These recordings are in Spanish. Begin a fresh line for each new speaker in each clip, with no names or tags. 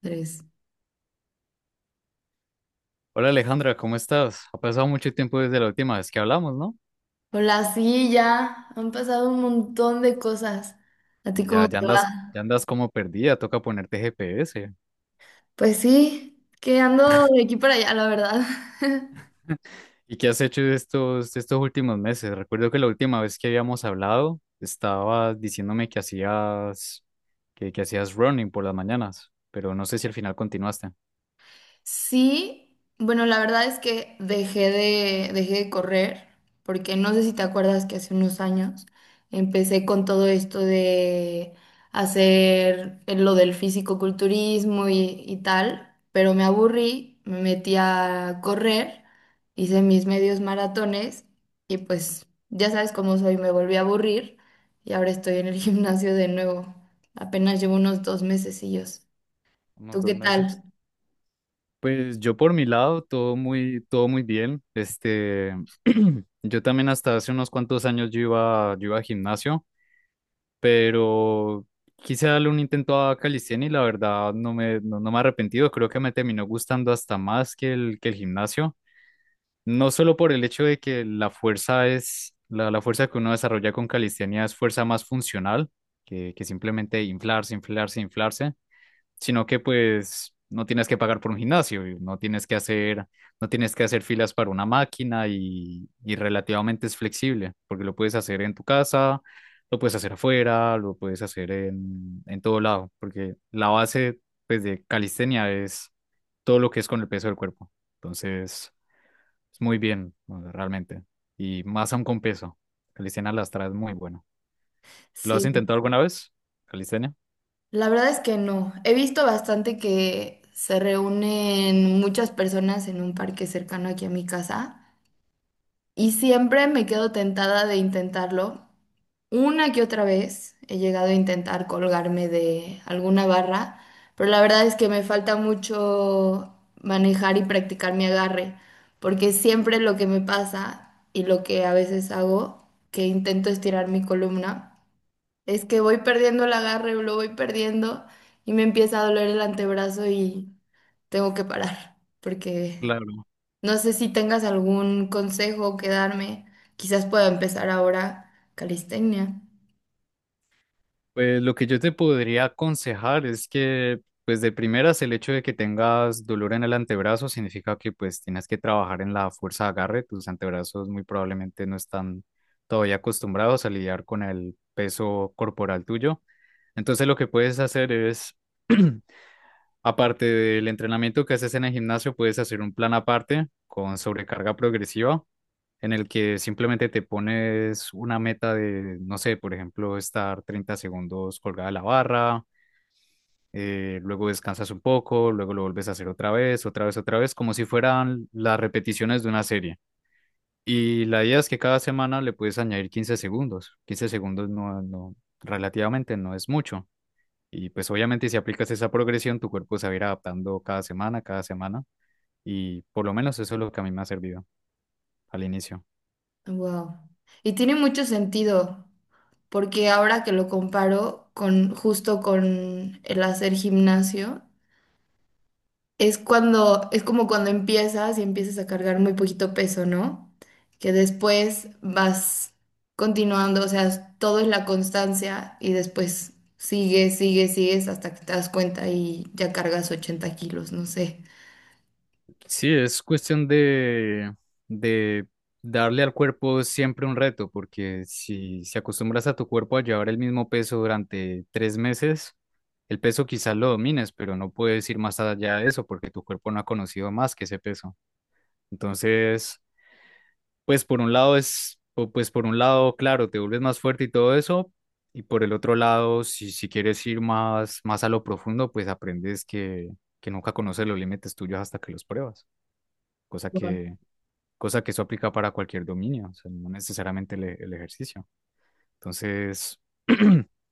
Tres.
Hola Alejandra, ¿cómo estás? Ha pasado mucho tiempo desde la última vez que hablamos, ¿no?
Hola, sí, ya han pasado un montón de cosas. ¿A ti cómo te
Sí.
va?
Ya andas como perdida, toca ponerte GPS.
Pues sí, que ando de aquí para allá, la verdad.
¿Y qué has hecho de estos últimos meses? Recuerdo que la última vez que habíamos hablado, estabas diciéndome que hacías, que hacías running por las mañanas, pero no sé si al final continuaste.
Sí, bueno, la verdad es que dejé de correr, porque no sé si te acuerdas que hace unos años empecé con todo esto de hacer lo del fisicoculturismo y tal, pero me aburrí, me metí a correr, hice mis medios maratones y pues ya sabes cómo soy, me volví a aburrir y ahora estoy en el gimnasio de nuevo. Apenas llevo unos 2 mesecillos.
Unos
¿Tú qué
2 meses.
tal?
Pues yo por mi lado, todo muy bien. Yo también hasta hace unos cuantos años yo iba al gimnasio. Pero quise darle un intento a calistenia y la verdad no me he arrepentido, creo que me terminó gustando hasta más que el gimnasio, no solo por el hecho de que la fuerza que uno desarrolla con calistenia es fuerza más funcional, que simplemente inflarse, inflarse, inflarse, sino que pues no tienes que pagar por un gimnasio, y no tienes que hacer filas para una máquina y relativamente es flexible, porque lo puedes hacer en tu casa, lo puedes hacer afuera, lo puedes hacer en todo lado, porque la base, pues, de calistenia es todo lo que es con el peso del cuerpo. Entonces, es muy bien, ¿no?, realmente. Y más aún con peso. Calistenia lastra es muy bueno. ¿Lo has
Sí.
intentado alguna vez? Calistenia.
La verdad es que no. He visto bastante que se reúnen muchas personas en un parque cercano aquí a mi casa y siempre me quedo tentada de intentarlo. Una que otra vez he llegado a intentar colgarme de alguna barra, pero la verdad es que me falta mucho manejar y practicar mi agarre, porque siempre lo que me pasa y lo que a veces hago, que intento estirar mi columna. Es que voy perdiendo el agarre, lo voy perdiendo y me empieza a doler el antebrazo y tengo que parar, porque
Claro.
no sé si tengas algún consejo que darme. Quizás pueda empezar ahora calistenia.
Pues lo que yo te podría aconsejar es que, pues de primeras, el hecho de que tengas dolor en el antebrazo significa que pues tienes que trabajar en la fuerza de agarre. Tus antebrazos muy probablemente no están todavía acostumbrados a lidiar con el peso corporal tuyo. Entonces lo que puedes hacer es, aparte del entrenamiento que haces en el gimnasio, puedes hacer un plan aparte con sobrecarga progresiva en el que simplemente te pones una meta de, no sé, por ejemplo, estar 30 segundos colgada de la barra, luego descansas un poco, luego lo vuelves a hacer otra vez, otra vez, otra vez, como si fueran las repeticiones de una serie. Y la idea es que cada semana le puedes añadir 15 segundos. 15 segundos no, no, relativamente no es mucho. Y pues obviamente si aplicas esa progresión, tu cuerpo se va a ir adaptando cada semana, cada semana. Y por lo menos eso es lo que a mí me ha servido al inicio.
Wow. Y tiene mucho sentido, porque ahora que lo comparo con justo con el hacer gimnasio, es como cuando empiezas y empiezas a cargar muy poquito peso, ¿no? Que después vas continuando, o sea, todo es la constancia y después sigues, sigues, sigues hasta que te das cuenta y ya cargas 80 kilos, no sé.
Sí, es cuestión de darle al cuerpo siempre un reto, porque si acostumbras a tu cuerpo a llevar el mismo peso durante 3 meses, el peso quizás lo domines, pero no puedes ir más allá de eso, porque tu cuerpo no ha conocido más que ese peso. Entonces, pues por un lado, claro, te vuelves más fuerte y todo eso, y por el otro lado, si quieres ir más, más a lo profundo, pues aprendes que nunca conoces los límites tuyos hasta que los pruebas, cosa que
Wow.
cosa que eso aplica para cualquier dominio, o sea, no necesariamente el ejercicio. Entonces,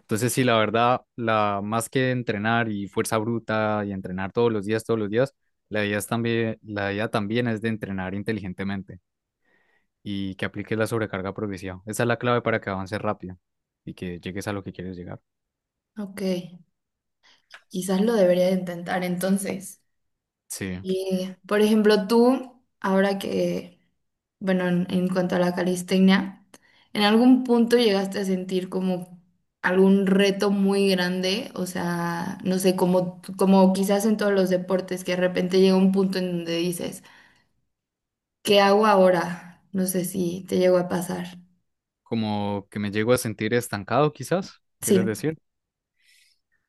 entonces sí, la verdad, más que entrenar y fuerza bruta y entrenar todos los días, la idea también es de entrenar inteligentemente y que apliques la sobrecarga progresiva. Esa es la clave para que avances rápido y que llegues a lo que quieres llegar.
Ok, quizás lo debería de intentar entonces.
Sí,
Y, por ejemplo, tú, ahora que bueno, en cuanto a la calistenia, ¿en algún punto llegaste a sentir como algún reto muy grande? O sea, no sé, como quizás en todos los deportes, que de repente llega un punto en donde dices, ¿qué hago ahora? No sé si te llegó a pasar.
como que me llego a sentir estancado, quizás,
Sí,
¿quieres decir?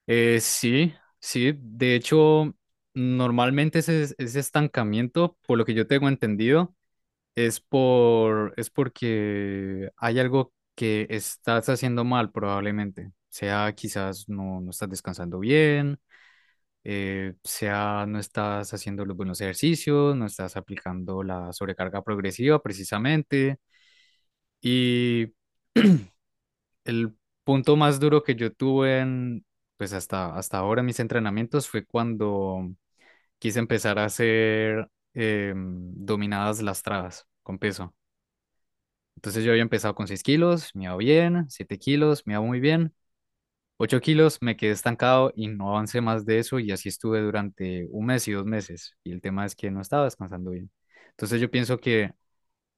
Sí, sí, de hecho, normalmente ese estancamiento, por lo que yo tengo entendido, es porque hay algo que estás haciendo mal probablemente. Sea quizás no estás descansando bien, sea no estás haciendo los buenos ejercicios, no estás aplicando la sobrecarga progresiva precisamente. Y el punto más duro que yo tuve pues hasta ahora en mis entrenamientos fue cuando quise empezar a hacer dominadas lastradas con peso. Entonces yo había empezado con 6 kg, me iba bien, 7 kg, me iba muy bien, 8 kg, me quedé estancado y no avancé más de eso, y así estuve durante un mes y 2 meses. Y el tema es que no estaba descansando bien. Entonces yo pienso que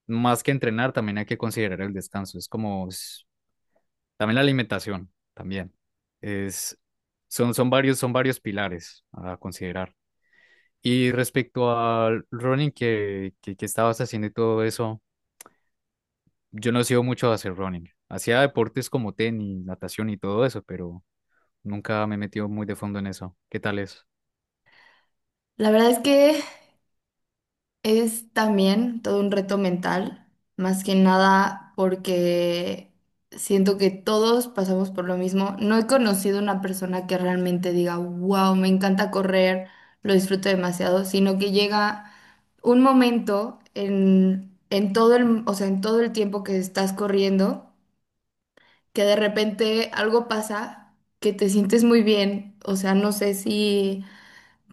más que entrenar, también hay que considerar el descanso. También la alimentación, también. Es, son, son varios pilares a considerar. Y respecto al running que estabas haciendo y todo eso, yo no he sido mucho a hacer running. Hacía deportes como tenis, natación y todo eso, pero nunca me he metido muy de fondo en eso. ¿Qué tal es?
la verdad es que es también todo un reto mental, más que nada porque siento que todos pasamos por lo mismo. No he conocido una persona que realmente diga, wow, me encanta correr, lo disfruto demasiado, sino que llega un momento o sea, en todo el tiempo que estás corriendo, que de repente algo pasa, que te sientes muy bien, o sea, no sé si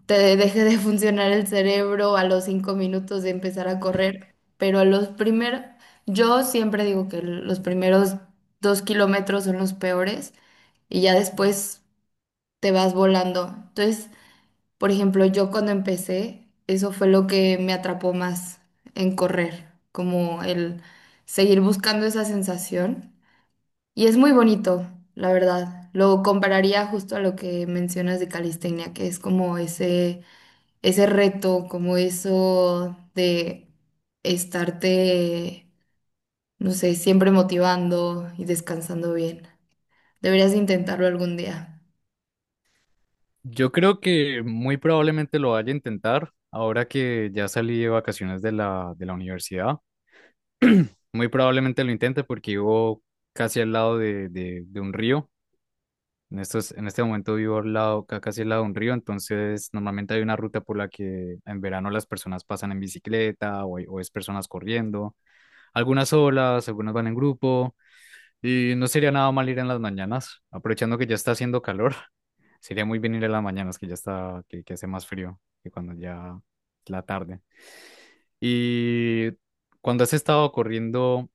te deje de funcionar el cerebro a los 5 minutos de empezar a correr, pero a los primeros, yo siempre digo que los primeros 2 kilómetros son los peores y ya después te vas volando. Entonces, por ejemplo, yo cuando empecé, eso fue lo que me atrapó más en correr, como el seguir buscando esa sensación. Y es muy bonito, la verdad. Lo compararía justo a lo que mencionas de calistenia, que es como ese ese reto, como eso de estarte, no sé, siempre motivando y descansando bien. Deberías de intentarlo algún día.
Yo creo que muy probablemente lo vaya a intentar ahora que ya salí de vacaciones de la universidad. Muy probablemente lo intente porque vivo casi al lado de un río. En este momento vivo casi al lado de un río, entonces normalmente hay una ruta por la que en verano las personas pasan en bicicleta o es personas corriendo, algunas solas, algunas van en grupo, y no sería nada mal ir en las mañanas, aprovechando que ya está haciendo calor. Sería muy bien ir en las mañanas, que ya está, que hace más frío que cuando ya es la tarde. Y cuando has estado corriendo,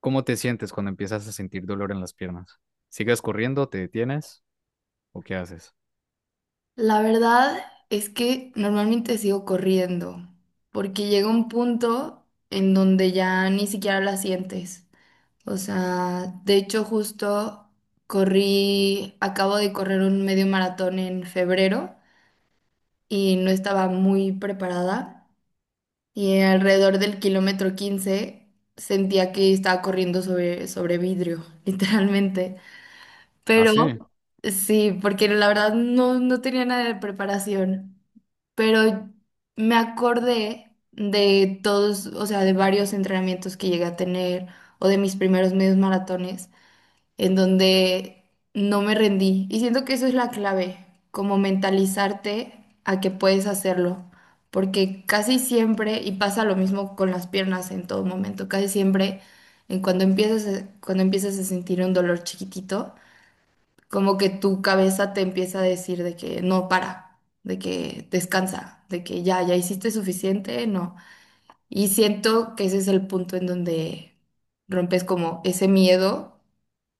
¿cómo te sientes cuando empiezas a sentir dolor en las piernas? ¿Sigues corriendo, te detienes o qué haces?
La verdad es que normalmente sigo corriendo, porque llega un punto en donde ya ni siquiera la sientes. O sea, de hecho justo corrí, acabo de correr un medio maratón en febrero y no estaba muy preparada. Y alrededor del kilómetro 15 sentía que estaba corriendo sobre vidrio, literalmente. Pero
Así.
sí, porque la verdad no, no tenía nada de preparación, pero me acordé de todos, o sea, de varios entrenamientos que llegué a tener o de mis primeros medios maratones en donde no me rendí. Y siento que eso es la clave, como mentalizarte a que puedes hacerlo, porque casi siempre, y pasa lo mismo con las piernas en todo momento, casi siempre en cuando empiezas, cuando empiezas a sentir un dolor chiquitito, como que tu cabeza te empieza a decir de que no para, de que descansa, de que ya, ya hiciste suficiente, no. Y siento que ese es el punto en donde rompes como ese miedo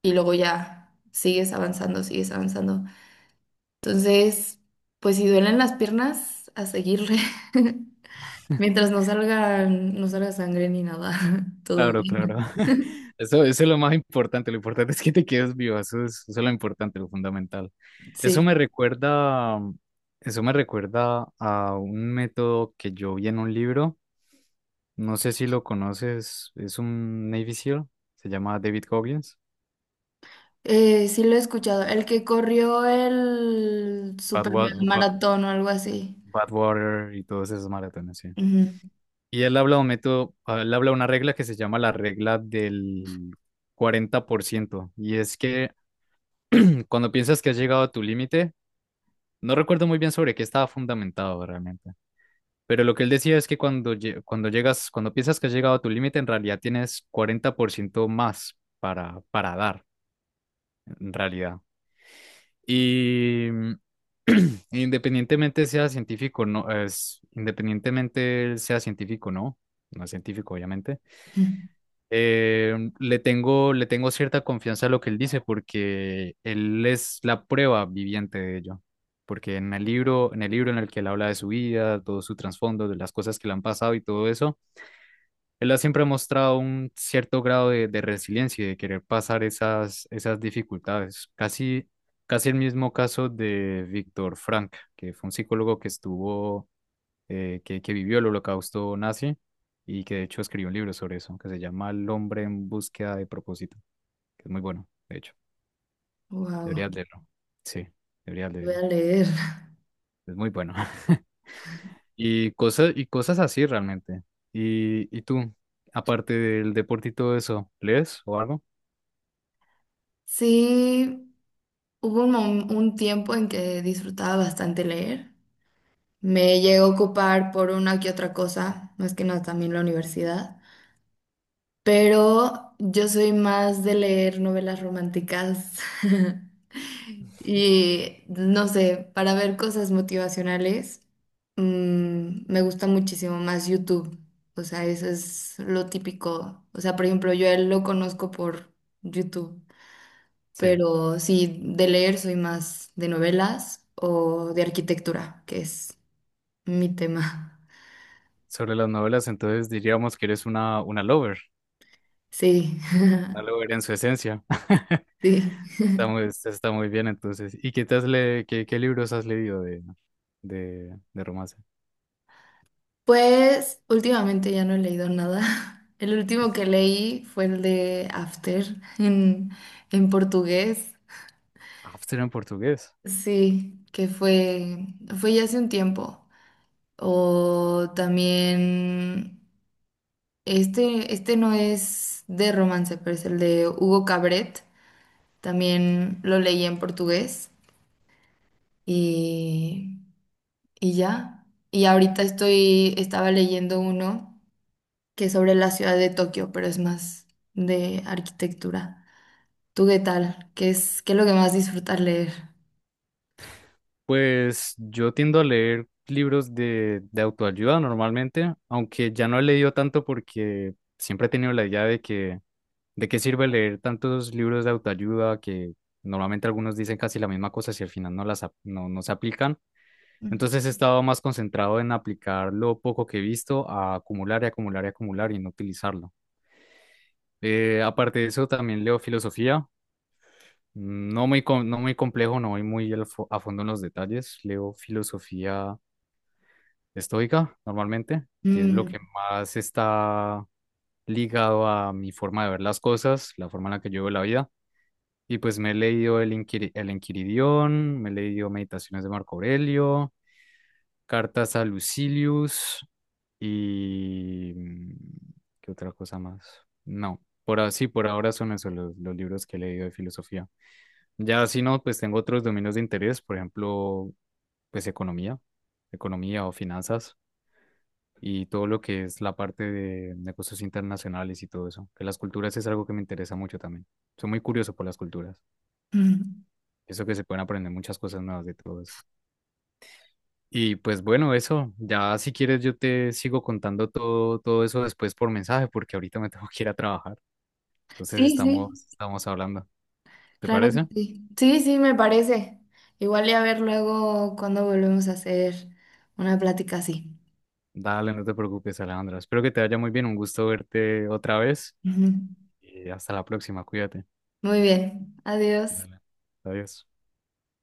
y luego ya sigues avanzando, sigues avanzando. Entonces, pues si duelen las piernas, a seguirle. Mientras no salgan, no salga sangre ni nada, todo
Claro, claro.
bien.
Eso es lo más importante. Lo importante es que te quedes vivo. Eso es lo importante, lo fundamental. Eso me
Sí.
recuerda, eso me recuerda a un método que yo vi en un libro. No sé si lo conoces. Es un Navy SEAL. Se llama David Goggins.
Sí lo he escuchado. El que corrió el super mega
Badwater,
maratón o algo así.
Water y todos esos maratones, sí. Y él habla de una regla que se llama la regla del 40%. Y es que cuando piensas que has llegado a tu límite. No recuerdo muy bien sobre qué estaba fundamentado realmente, pero lo que él decía es que cuando piensas que has llegado a tu límite, en realidad tienes 40% más para dar, en realidad. Y independientemente sea científico, no es, independientemente él sea científico, no es científico, obviamente. Le tengo cierta confianza a lo que él dice, porque él es la prueba viviente de ello. Porque en el libro en el que él habla de su vida, todo su trasfondo, de las cosas que le han pasado y todo eso, él ha siempre mostrado un cierto grado de resiliencia y de querer pasar esas dificultades. Casi, casi el mismo caso de Víctor Frank, que fue un psicólogo que que vivió el holocausto nazi y que de hecho escribió un libro sobre eso, que se llama El Hombre en Búsqueda de Propósito, que es muy bueno, de hecho.
Wow,
Deberías leerlo. Sí, deberías
voy a
leerlo.
leer.
Es muy bueno. Y cosas así realmente. ¿Y tú, aparte del deporte y todo eso, lees o algo?
Sí, hubo un tiempo en que disfrutaba bastante leer. Me llego a ocupar por una que otra cosa, más que nada también la universidad, pero yo soy más de leer novelas románticas y no sé, para ver cosas motivacionales, mm, me gusta muchísimo más YouTube, o sea, eso es lo típico, o sea, por ejemplo, yo a él lo conozco por YouTube,
Sí.
pero sí, de leer soy más de novelas o de arquitectura, que es mi tema.
Sobre las novelas, entonces diríamos que eres una, lover,
Sí,
una lover en su esencia.
sí.
está muy bien entonces. ¿Y qué te has le, qué, qué libros has leído de romance?
Pues últimamente ya no he leído nada. El último que leí fue el de After en, en portugués.
After en portugués.
Sí, fue ya hace un tiempo. O también, este no es de romance, pero es el de Hugo Cabret. También lo leí en portugués y, y ya. Y ahorita estoy, estaba leyendo uno. Que sobre la ciudad de Tokio, pero es más de arquitectura. ¿Tú qué tal? ¿Qué es lo que más disfrutas leer?
Pues yo tiendo a leer libros de autoayuda normalmente, aunque ya no he leído tanto porque siempre he tenido la idea de que de qué sirve leer tantos libros de autoayuda que normalmente algunos dicen casi la misma cosa si al final no las ap- no, no se aplican.
Mm.
Entonces he estado más concentrado en aplicar lo poco que he visto a acumular y acumular y acumular y no utilizarlo. Aparte de eso, también leo filosofía. No muy complejo, no voy muy a fondo en los detalles. Leo filosofía estoica normalmente, que es lo
Mm,
que más está ligado a mi forma de ver las cosas, la forma en la que yo veo la vida. Y pues me he leído el Enquiridión, me he leído Meditaciones de Marco Aurelio, Cartas a Lucilius y... mm, ¿qué otra cosa más? No, por ahora son esos los libros que he leído de filosofía. Ya si no, pues tengo otros dominios de interés, por ejemplo, pues economía o finanzas y todo lo que es la parte de negocios internacionales y todo eso, que las culturas es algo que me interesa mucho también. Soy muy curioso por las culturas,
mm.
eso que se pueden aprender muchas cosas nuevas de todo eso. Y pues bueno, eso, ya si quieres yo te sigo contando todo, eso después por mensaje, porque ahorita me tengo que ir a trabajar, entonces
Sí,
estamos,
sí,
estamos hablando, ¿te
claro que
parece?
sí. Sí, sí, me parece. Igual y a ver luego cuando volvemos a hacer una plática así.
Dale, no te preocupes, Alejandra. Espero que te vaya muy bien. Un gusto verte otra vez.
Ujú.
Y hasta la próxima, cuídate.
Muy bien, adiós.
Dale. Adiós.